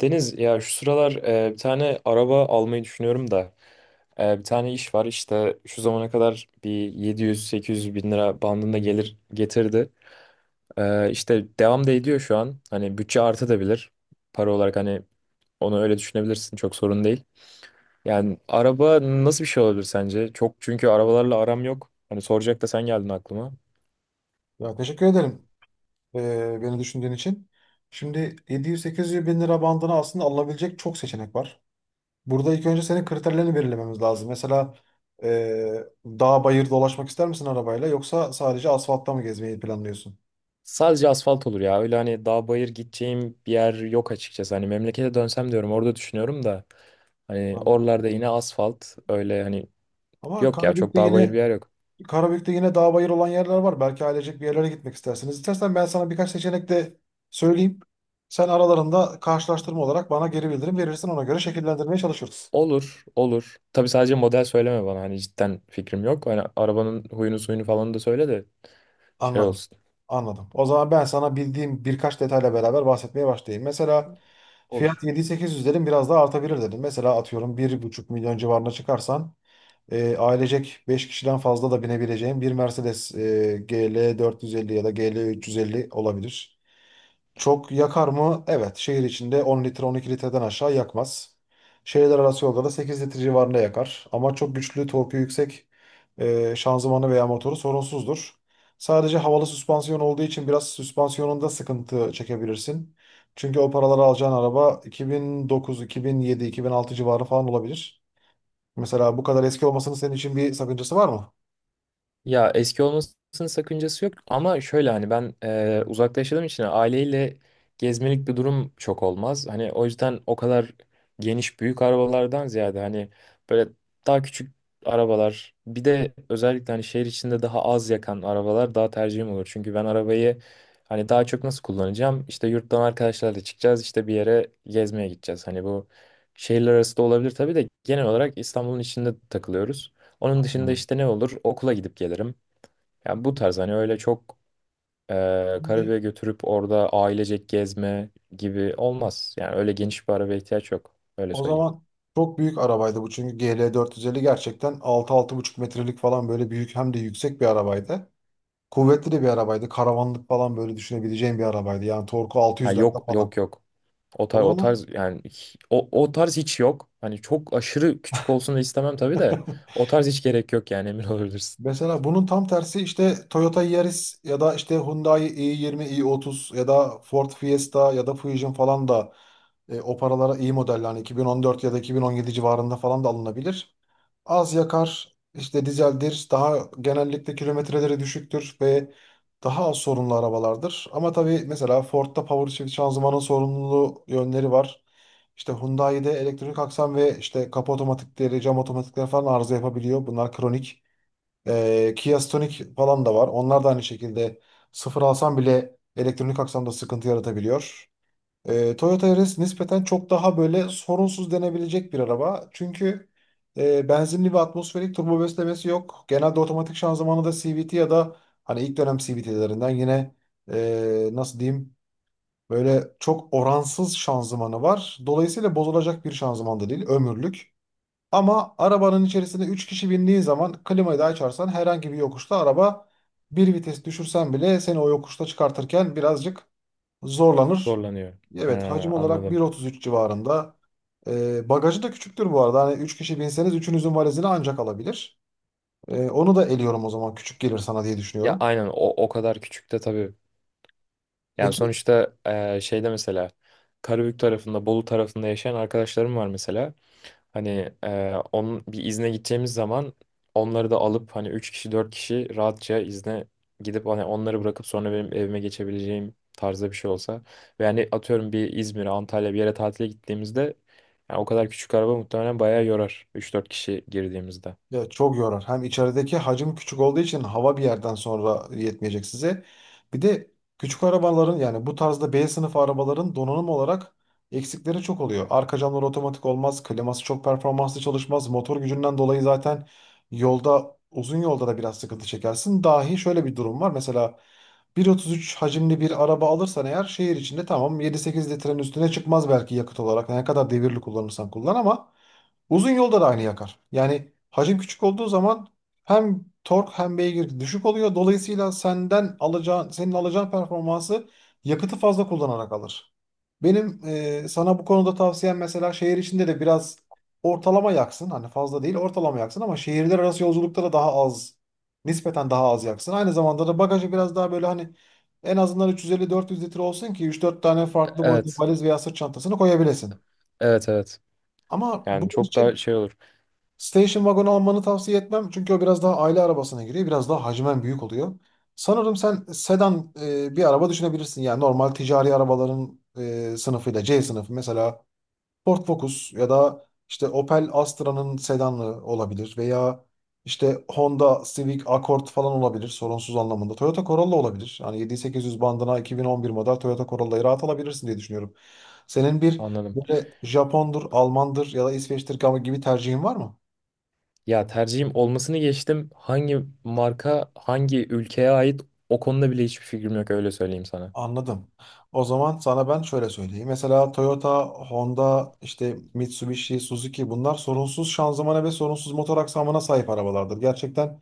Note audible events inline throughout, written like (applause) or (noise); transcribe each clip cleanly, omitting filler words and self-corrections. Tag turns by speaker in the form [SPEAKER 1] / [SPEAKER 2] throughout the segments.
[SPEAKER 1] Deniz, ya şu sıralar bir tane araba almayı düşünüyorum da bir tane iş var işte şu zamana kadar bir 700-800 bin lira bandında gelir getirdi. İşte devam da ediyor şu an, hani bütçe artabilir para olarak, hani onu öyle düşünebilirsin, çok sorun değil. Yani araba nasıl bir şey olabilir sence? Çok, çünkü arabalarla aram yok. Hani soracak da sen geldin aklıma.
[SPEAKER 2] Ya teşekkür ederim beni düşündüğün için. Şimdi 700-800 bin lira bandına aslında alınabilecek çok seçenek var. Burada ilk önce senin kriterlerini belirlememiz lazım. Mesela dağ bayır dolaşmak ister misin arabayla yoksa sadece asfaltta mı gezmeyi planlıyorsun?
[SPEAKER 1] Sadece asfalt olur ya, öyle hani dağ bayır gideceğim bir yer yok açıkçası, hani memlekete dönsem diyorum, orada düşünüyorum da. Hani
[SPEAKER 2] Anladım.
[SPEAKER 1] oralarda yine asfalt öyle hani,
[SPEAKER 2] Ama
[SPEAKER 1] yok ya çok dağ bayır bir yer yok.
[SPEAKER 2] Karabük'te yine dağ bayır olan yerler var. Belki ailecek bir yerlere gitmek istersiniz. İstersen ben sana birkaç seçenek de söyleyeyim. Sen aralarında karşılaştırma olarak bana geri bildirim verirsin. Ona göre şekillendirmeye çalışırız.
[SPEAKER 1] Olur, olur. Tabii sadece model söyleme bana, hani cidden fikrim yok. Hani arabanın huyunu suyunu falan da söyle de şey
[SPEAKER 2] Anladım.
[SPEAKER 1] olsun.
[SPEAKER 2] Anladım. O zaman ben sana bildiğim birkaç detayla beraber bahsetmeye başlayayım. Mesela
[SPEAKER 1] Olur.
[SPEAKER 2] fiyat 7-800 dedim, biraz daha artabilir dedim. Mesela atıyorum 1,5 milyon civarına çıkarsan ailecek 5 kişiden fazla da binebileceğim bir Mercedes GL 450 ya da GL 350 olabilir. Çok yakar mı? Evet. Şehir içinde 10 litre, 12 litreden aşağı yakmaz. Şehirler arası yolda da 8 litre civarında yakar. Ama çok güçlü, torku yüksek, şanzımanı veya motoru sorunsuzdur. Sadece havalı süspansiyon olduğu için biraz süspansiyonunda sıkıntı çekebilirsin. Çünkü o paraları alacağın araba 2009, 2007, 2006 civarı falan olabilir. Mesela bu kadar eski olmasının senin için bir sakıncası var mı?
[SPEAKER 1] Ya eski olmasının sakıncası yok ama şöyle hani ben uzakta yaşadığım için aileyle gezmelik bir durum çok olmaz. Hani o yüzden o kadar geniş büyük arabalardan ziyade hani böyle daha küçük arabalar, bir de özellikle hani şehir içinde daha az yakan arabalar daha tercihim olur. Çünkü ben arabayı hani daha çok nasıl kullanacağım? İşte yurttan arkadaşlarla çıkacağız, işte bir yere gezmeye gideceğiz. Hani bu şehirler arası da olabilir tabii de genel olarak İstanbul'un içinde takılıyoruz. Onun dışında
[SPEAKER 2] Anladım.
[SPEAKER 1] işte ne olur? Okula gidip gelirim. Yani bu tarz hani, öyle çok
[SPEAKER 2] Şimdi
[SPEAKER 1] Karabük'e götürüp orada ailecek gezme gibi olmaz. Yani öyle geniş bir arabaya ihtiyaç yok. Öyle
[SPEAKER 2] o
[SPEAKER 1] söyleyeyim.
[SPEAKER 2] zaman çok büyük arabaydı bu, çünkü GL450 gerçekten altı altı buçuk metrelik falan böyle büyük, hem de yüksek bir arabaydı. Kuvvetli de bir arabaydı. Karavanlık falan böyle düşünebileceğin bir arabaydı. Yani torku
[SPEAKER 1] Ha,
[SPEAKER 2] 600'lerde
[SPEAKER 1] yok
[SPEAKER 2] falan.
[SPEAKER 1] yok yok. O tarz,
[SPEAKER 2] O
[SPEAKER 1] o
[SPEAKER 2] zaman
[SPEAKER 1] tarz yani o tarz hiç yok. Hani çok aşırı küçük olsun da istemem tabii de, o
[SPEAKER 2] (laughs)
[SPEAKER 1] tarz hiç gerek yok yani emin (laughs) olabilirsin.
[SPEAKER 2] mesela bunun tam tersi işte Toyota Yaris ya da işte Hyundai i20, i30 ya da Ford Fiesta ya da Fusion falan da o paralara iyi modeller, hani 2014 ya da 2017 civarında falan da alınabilir. Az yakar, işte dizeldir, daha genellikle kilometreleri düşüktür ve daha az sorunlu arabalardır. Ama tabii mesela Ford'da power shift şanzımanın sorunlu yönleri var. İşte Hyundai'de elektrik aksam ve işte kapı otomatikleri, cam otomatikleri falan arıza yapabiliyor. Bunlar kronik. Kia Stonic falan da var. Onlar da aynı şekilde sıfır alsam bile elektronik aksamda sıkıntı yaratabiliyor. Toyota Yaris nispeten çok daha böyle sorunsuz denebilecek bir araba. Çünkü benzinli ve atmosferik turbo beslemesi yok. Genelde otomatik şanzımanı da CVT ya da hani ilk dönem CVT'lerinden yine, nasıl diyeyim, böyle çok oransız şanzımanı var. Dolayısıyla bozulacak bir şanzıman da değil, ömürlük. Ama arabanın içerisinde 3 kişi bindiği zaman klimayı da açarsan, herhangi bir yokuşta araba bir vites düşürsen bile seni o yokuşta çıkartırken birazcık zorlanır.
[SPEAKER 1] Zorlanıyor. Ha,
[SPEAKER 2] Evet, hacim olarak
[SPEAKER 1] anladım.
[SPEAKER 2] 1,33 civarında. Bagajı da küçüktür bu arada. Hani 3 kişi binseniz üçünüzün valizini ancak alabilir. Onu da eliyorum, o zaman küçük gelir sana diye
[SPEAKER 1] Ya
[SPEAKER 2] düşünüyorum.
[SPEAKER 1] aynen o kadar küçük de tabii. Yani
[SPEAKER 2] Peki.
[SPEAKER 1] sonuçta şeyde mesela Karabük tarafında, Bolu tarafında yaşayan arkadaşlarım var mesela. Hani onun bir izne gideceğimiz zaman onları da alıp hani 3 kişi 4 kişi rahatça izne gidip hani onları bırakıp sonra benim evime geçebileceğim tarzda bir şey olsa. Ve hani atıyorum bir İzmir'e, Antalya bir yere tatile gittiğimizde yani o kadar küçük araba muhtemelen bayağı yorar 3-4 kişi girdiğimizde.
[SPEAKER 2] Ya çok yorar. Hem içerideki hacim küçük olduğu için hava bir yerden sonra yetmeyecek size. Bir de küçük arabaların, yani bu tarzda B sınıfı arabaların donanım olarak eksikleri çok oluyor. Arka camlar otomatik olmaz, kliması çok performanslı çalışmaz. Motor gücünden dolayı zaten yolda, uzun yolda da biraz sıkıntı çekersin. Dahi şöyle bir durum var. Mesela 1,33 hacimli bir araba alırsan eğer, şehir içinde tamam 7-8 litrenin üstüne çıkmaz belki yakıt olarak, ne kadar devirli kullanırsan kullan, ama uzun yolda da aynı yakar. Yani hacim küçük olduğu zaman hem tork hem beygir düşük oluyor. Dolayısıyla senden alacağın, senin alacağın performansı yakıtı fazla kullanarak alır. Benim sana bu konuda tavsiyem, mesela şehir içinde de biraz ortalama yaksın. Hani fazla değil, ortalama yaksın, ama şehirler arası yolculukta da daha az, nispeten daha az yaksın. Aynı zamanda da bagajı biraz daha böyle hani en azından 350-400 litre olsun ki 3-4 tane farklı boyutlu
[SPEAKER 1] Evet.
[SPEAKER 2] valiz veya sırt çantasını koyabilesin.
[SPEAKER 1] Evet, evet.
[SPEAKER 2] Ama
[SPEAKER 1] Yani
[SPEAKER 2] bunun
[SPEAKER 1] çok daha
[SPEAKER 2] için
[SPEAKER 1] şey olur.
[SPEAKER 2] station wagon almanı tavsiye etmem. Çünkü o biraz daha aile arabasına giriyor. Biraz daha hacmen büyük oluyor. Sanırım sen sedan bir araba düşünebilirsin. Yani normal ticari arabaların sınıfıyla C sınıfı, mesela Ford Focus ya da işte Opel Astra'nın sedanı olabilir veya işte Honda Civic Accord falan olabilir sorunsuz anlamında. Toyota Corolla olabilir. Hani 7800 bandına 2011 model Toyota Corolla'yı rahat alabilirsin diye düşünüyorum. Senin bir
[SPEAKER 1] Anladım.
[SPEAKER 2] böyle Japondur, Almandır ya da İsveç'tir gibi tercihin var mı?
[SPEAKER 1] Ya tercihim olmasını geçtim. Hangi marka, hangi ülkeye ait, o konuda bile hiçbir fikrim yok, öyle söyleyeyim sana.
[SPEAKER 2] Anladım. O zaman sana ben şöyle söyleyeyim. Mesela Toyota, Honda, işte Mitsubishi, Suzuki, bunlar sorunsuz şanzımana ve sorunsuz motor aksamına sahip arabalardır. Gerçekten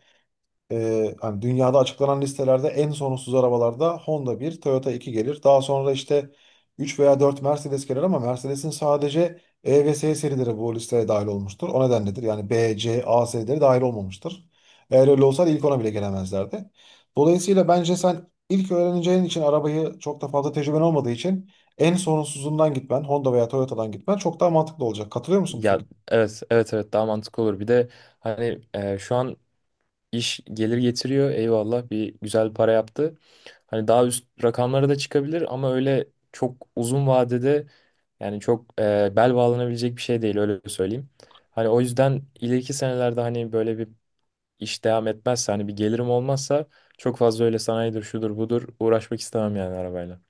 [SPEAKER 2] hani dünyada açıklanan listelerde en sorunsuz arabalarda Honda bir, Toyota 2 gelir. Daha sonra işte 3 veya 4 Mercedes gelir, ama Mercedes'in sadece E ve S serileri bu listeye dahil olmuştur. O nedenledir. Yani B, C, A serileri dahil olmamıştır. Eğer öyle olsaydı ilk ona bile gelemezlerdi. Dolayısıyla bence sen ilk öğreneceğin için arabayı, çok da fazla tecrüben olmadığı için en sorunsuzundan gitmen, Honda veya Toyota'dan gitmen çok daha mantıklı olacak. Katılıyor musun bu
[SPEAKER 1] Ya
[SPEAKER 2] fikre?
[SPEAKER 1] evet evet evet, daha mantıklı olur. Bir de hani şu an iş gelir getiriyor. Eyvallah, bir güzel para yaptı. Hani daha üst rakamlara da çıkabilir ama öyle çok uzun vadede yani çok bel bağlanabilecek bir şey değil, öyle söyleyeyim. Hani o yüzden ileriki senelerde hani böyle bir iş devam etmezse, hani bir gelirim olmazsa, çok fazla öyle sanayidir şudur budur uğraşmak istemem yani arabayla.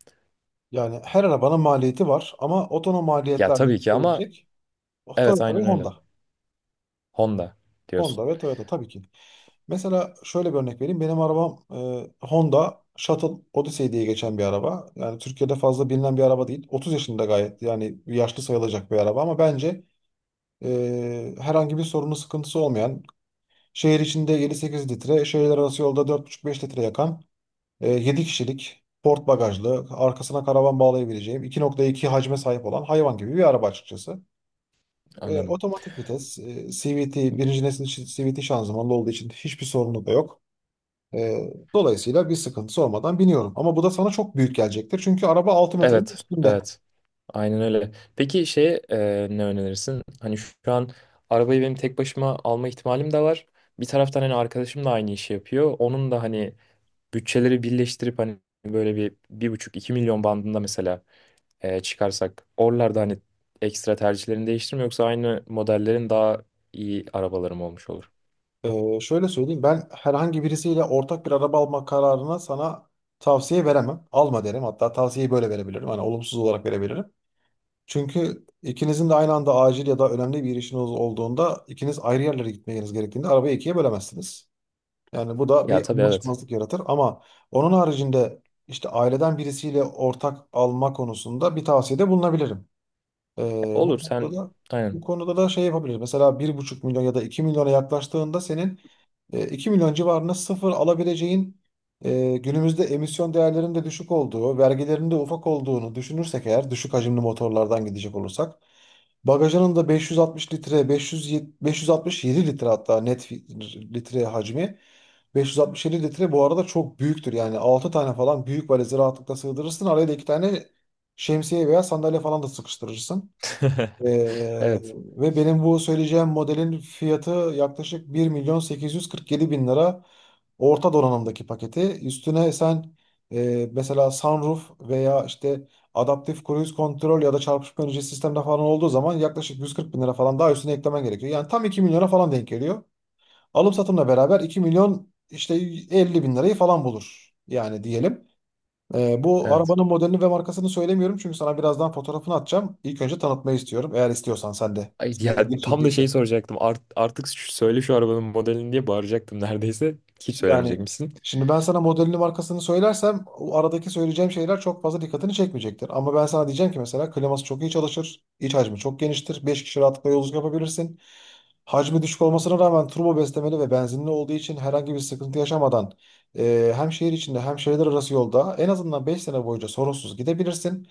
[SPEAKER 2] Yani her arabanın maliyeti var, ama otonom
[SPEAKER 1] Ya
[SPEAKER 2] maliyetlerle
[SPEAKER 1] tabii ki ama
[SPEAKER 2] gidebilecek. Oh,
[SPEAKER 1] evet,
[SPEAKER 2] Toyota ve
[SPEAKER 1] aynen öyle.
[SPEAKER 2] Honda.
[SPEAKER 1] Honda diyorsun.
[SPEAKER 2] Honda ve Toyota tabii ki. Mesela şöyle bir örnek vereyim. Benim arabam Honda Shuttle Odyssey diye geçen bir araba. Yani Türkiye'de fazla bilinen bir araba değil. 30 yaşında, gayet yani yaşlı sayılacak bir araba, ama bence herhangi bir sorunu sıkıntısı olmayan, şehir içinde 7-8 litre, şehirler arası yolda 4,5-5 litre yakan, 7 kişilik, port bagajlı, arkasına karavan bağlayabileceğim, 2,2 hacme sahip olan, hayvan gibi bir araba açıkçası.
[SPEAKER 1] Anladım.
[SPEAKER 2] Otomatik vites, CVT, birinci nesil CVT şanzımanlı olduğu için hiçbir sorunu da yok. E, dolayısıyla bir sıkıntısı olmadan biniyorum. Ama bu da sana çok büyük gelecektir. Çünkü araba 6 metrenin
[SPEAKER 1] Evet,
[SPEAKER 2] üstünde.
[SPEAKER 1] evet. Aynen öyle. Peki şeye ne önerirsin? Hani şu an arabayı benim tek başıma alma ihtimalim de var. Bir taraftan hani arkadaşım da aynı işi yapıyor. Onun da hani bütçeleri birleştirip hani böyle 1,5-2 milyon bandında mesela çıkarsak oralarda hani ekstra tercihlerini değiştirme, yoksa aynı modellerin daha iyi arabalarım olmuş olur.
[SPEAKER 2] Şöyle söyleyeyim, ben herhangi birisiyle ortak bir araba alma kararına sana tavsiye veremem. Alma derim. Hatta tavsiyeyi böyle verebilirim. Hani olumsuz olarak verebilirim. Çünkü ikinizin de aynı anda acil ya da önemli bir işiniz olduğunda, ikiniz ayrı yerlere gitmeniz gerektiğinde arabayı ikiye bölemezsiniz. Yani bu da
[SPEAKER 1] Ya
[SPEAKER 2] bir
[SPEAKER 1] tabii evet.
[SPEAKER 2] anlaşmazlık yaratır, ama onun haricinde işte aileden birisiyle ortak alma konusunda bir tavsiyede bulunabilirim.
[SPEAKER 1] Ya
[SPEAKER 2] Bu
[SPEAKER 1] olur,
[SPEAKER 2] konuda
[SPEAKER 1] sen
[SPEAKER 2] da
[SPEAKER 1] aynen.
[SPEAKER 2] şey yapabiliriz. Mesela bir buçuk milyon ya da 2 milyona yaklaştığında, senin 2 milyon civarında sıfır alabileceğin, günümüzde emisyon değerlerinin de düşük olduğu, vergilerin de ufak olduğunu düşünürsek eğer düşük hacimli motorlardan gidecek olursak, bagajının da 560 litre, 500, 567 litre, hatta net litre hacmi 567 litre bu arada çok büyüktür. Yani 6 tane falan büyük valizi rahatlıkla sığdırırsın. Araya da 2 tane şemsiye veya sandalye falan da sıkıştırırsın.
[SPEAKER 1] (laughs)
[SPEAKER 2] Ee,
[SPEAKER 1] Evet.
[SPEAKER 2] ve benim bu söyleyeceğim modelin fiyatı yaklaşık 1.847.000 lira orta donanımdaki paketi. Üstüne sen mesela sunroof veya işte adaptif cruise control ya da çarpışma önleyici sistemde falan olduğu zaman yaklaşık 140.000 lira falan daha üstüne eklemen gerekiyor. Yani tam 2 milyona falan denk geliyor. Alım satımla beraber 2 milyon işte 50 bin lirayı falan bulur yani diyelim. Bu
[SPEAKER 1] Evet.
[SPEAKER 2] arabanın modelini ve markasını söylemiyorum çünkü sana birazdan fotoğrafını atacağım. İlk önce tanıtmayı istiyorum, eğer istiyorsan sen de.
[SPEAKER 1] Ay
[SPEAKER 2] Senin
[SPEAKER 1] ya,
[SPEAKER 2] ilgin
[SPEAKER 1] tam da
[SPEAKER 2] çektiyse.
[SPEAKER 1] şeyi soracaktım. Artık söyle şu arabanın modelini diye bağıracaktım neredeyse. Hiç
[SPEAKER 2] Yani
[SPEAKER 1] söylemeyecekmişsin.
[SPEAKER 2] şimdi ben sana modelini markasını söylersem o aradaki söyleyeceğim şeyler çok fazla dikkatini çekmeyecektir. Ama ben sana diyeceğim ki mesela kliması çok iyi çalışır, iç hacmi çok geniştir, 5 kişi rahatlıkla yolculuk yapabilirsin. Hacmi düşük olmasına rağmen turbo beslemeli ve benzinli olduğu için herhangi bir sıkıntı yaşamadan hem şehir içinde hem şehirler arası yolda en azından 5 sene boyunca sorunsuz gidebilirsin.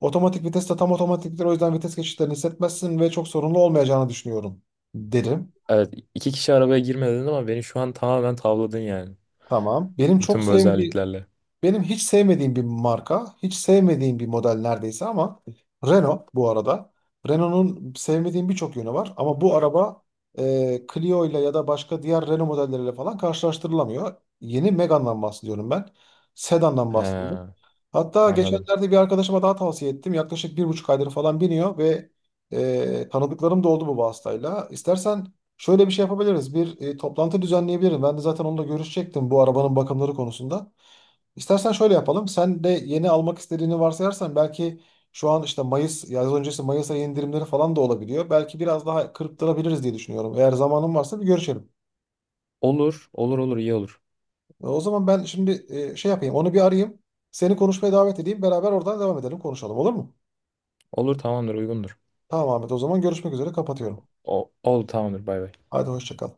[SPEAKER 2] Otomatik vites de tam otomatiktir, o yüzden vites geçişlerini hissetmezsin ve çok sorunlu olmayacağını düşünüyorum derim.
[SPEAKER 1] Evet, 2 kişi arabaya girmedin ama beni şu an tamamen tavladın yani.
[SPEAKER 2] Tamam. Benim çok
[SPEAKER 1] Bütün bu
[SPEAKER 2] sevdiğim
[SPEAKER 1] özelliklerle.
[SPEAKER 2] Benim hiç sevmediğim bir marka, hiç sevmediğim bir model neredeyse, ama Renault bu arada. Renault'un sevmediğim birçok yönü var, ama bu araba Clio ile ya da başka diğer Renault modelleriyle falan karşılaştırılamıyor. Yeni Megane'dan bahsediyorum ben. Sedan'dan bahsediyorum.
[SPEAKER 1] He,
[SPEAKER 2] Hatta
[SPEAKER 1] anladım.
[SPEAKER 2] geçenlerde bir arkadaşıma daha tavsiye ettim. Yaklaşık 1,5 aydır falan biniyor ve tanıdıklarım da oldu bu vasıtayla. İstersen şöyle bir şey yapabiliriz. Bir toplantı düzenleyebilirim. Ben de zaten onunla görüşecektim bu arabanın bakımları konusunda. İstersen şöyle yapalım. Sen de yeni almak istediğini varsayarsan, belki şu an işte Mayıs, yaz öncesi Mayıs ayı indirimleri falan da olabiliyor. Belki biraz daha kırptırabiliriz diye düşünüyorum. Eğer zamanın varsa bir görüşelim.
[SPEAKER 1] Olur olur olur, iyi olur.
[SPEAKER 2] O zaman ben şimdi şey yapayım. Onu bir arayayım. Seni konuşmaya davet edeyim. Beraber oradan devam edelim, konuşalım, olur mu?
[SPEAKER 1] Olur, tamamdır, uygundur.
[SPEAKER 2] Tamam Ahmet, o zaman görüşmek üzere kapatıyorum.
[SPEAKER 1] Oldu, tamamdır, bay bay.
[SPEAKER 2] Hadi hoşça kal.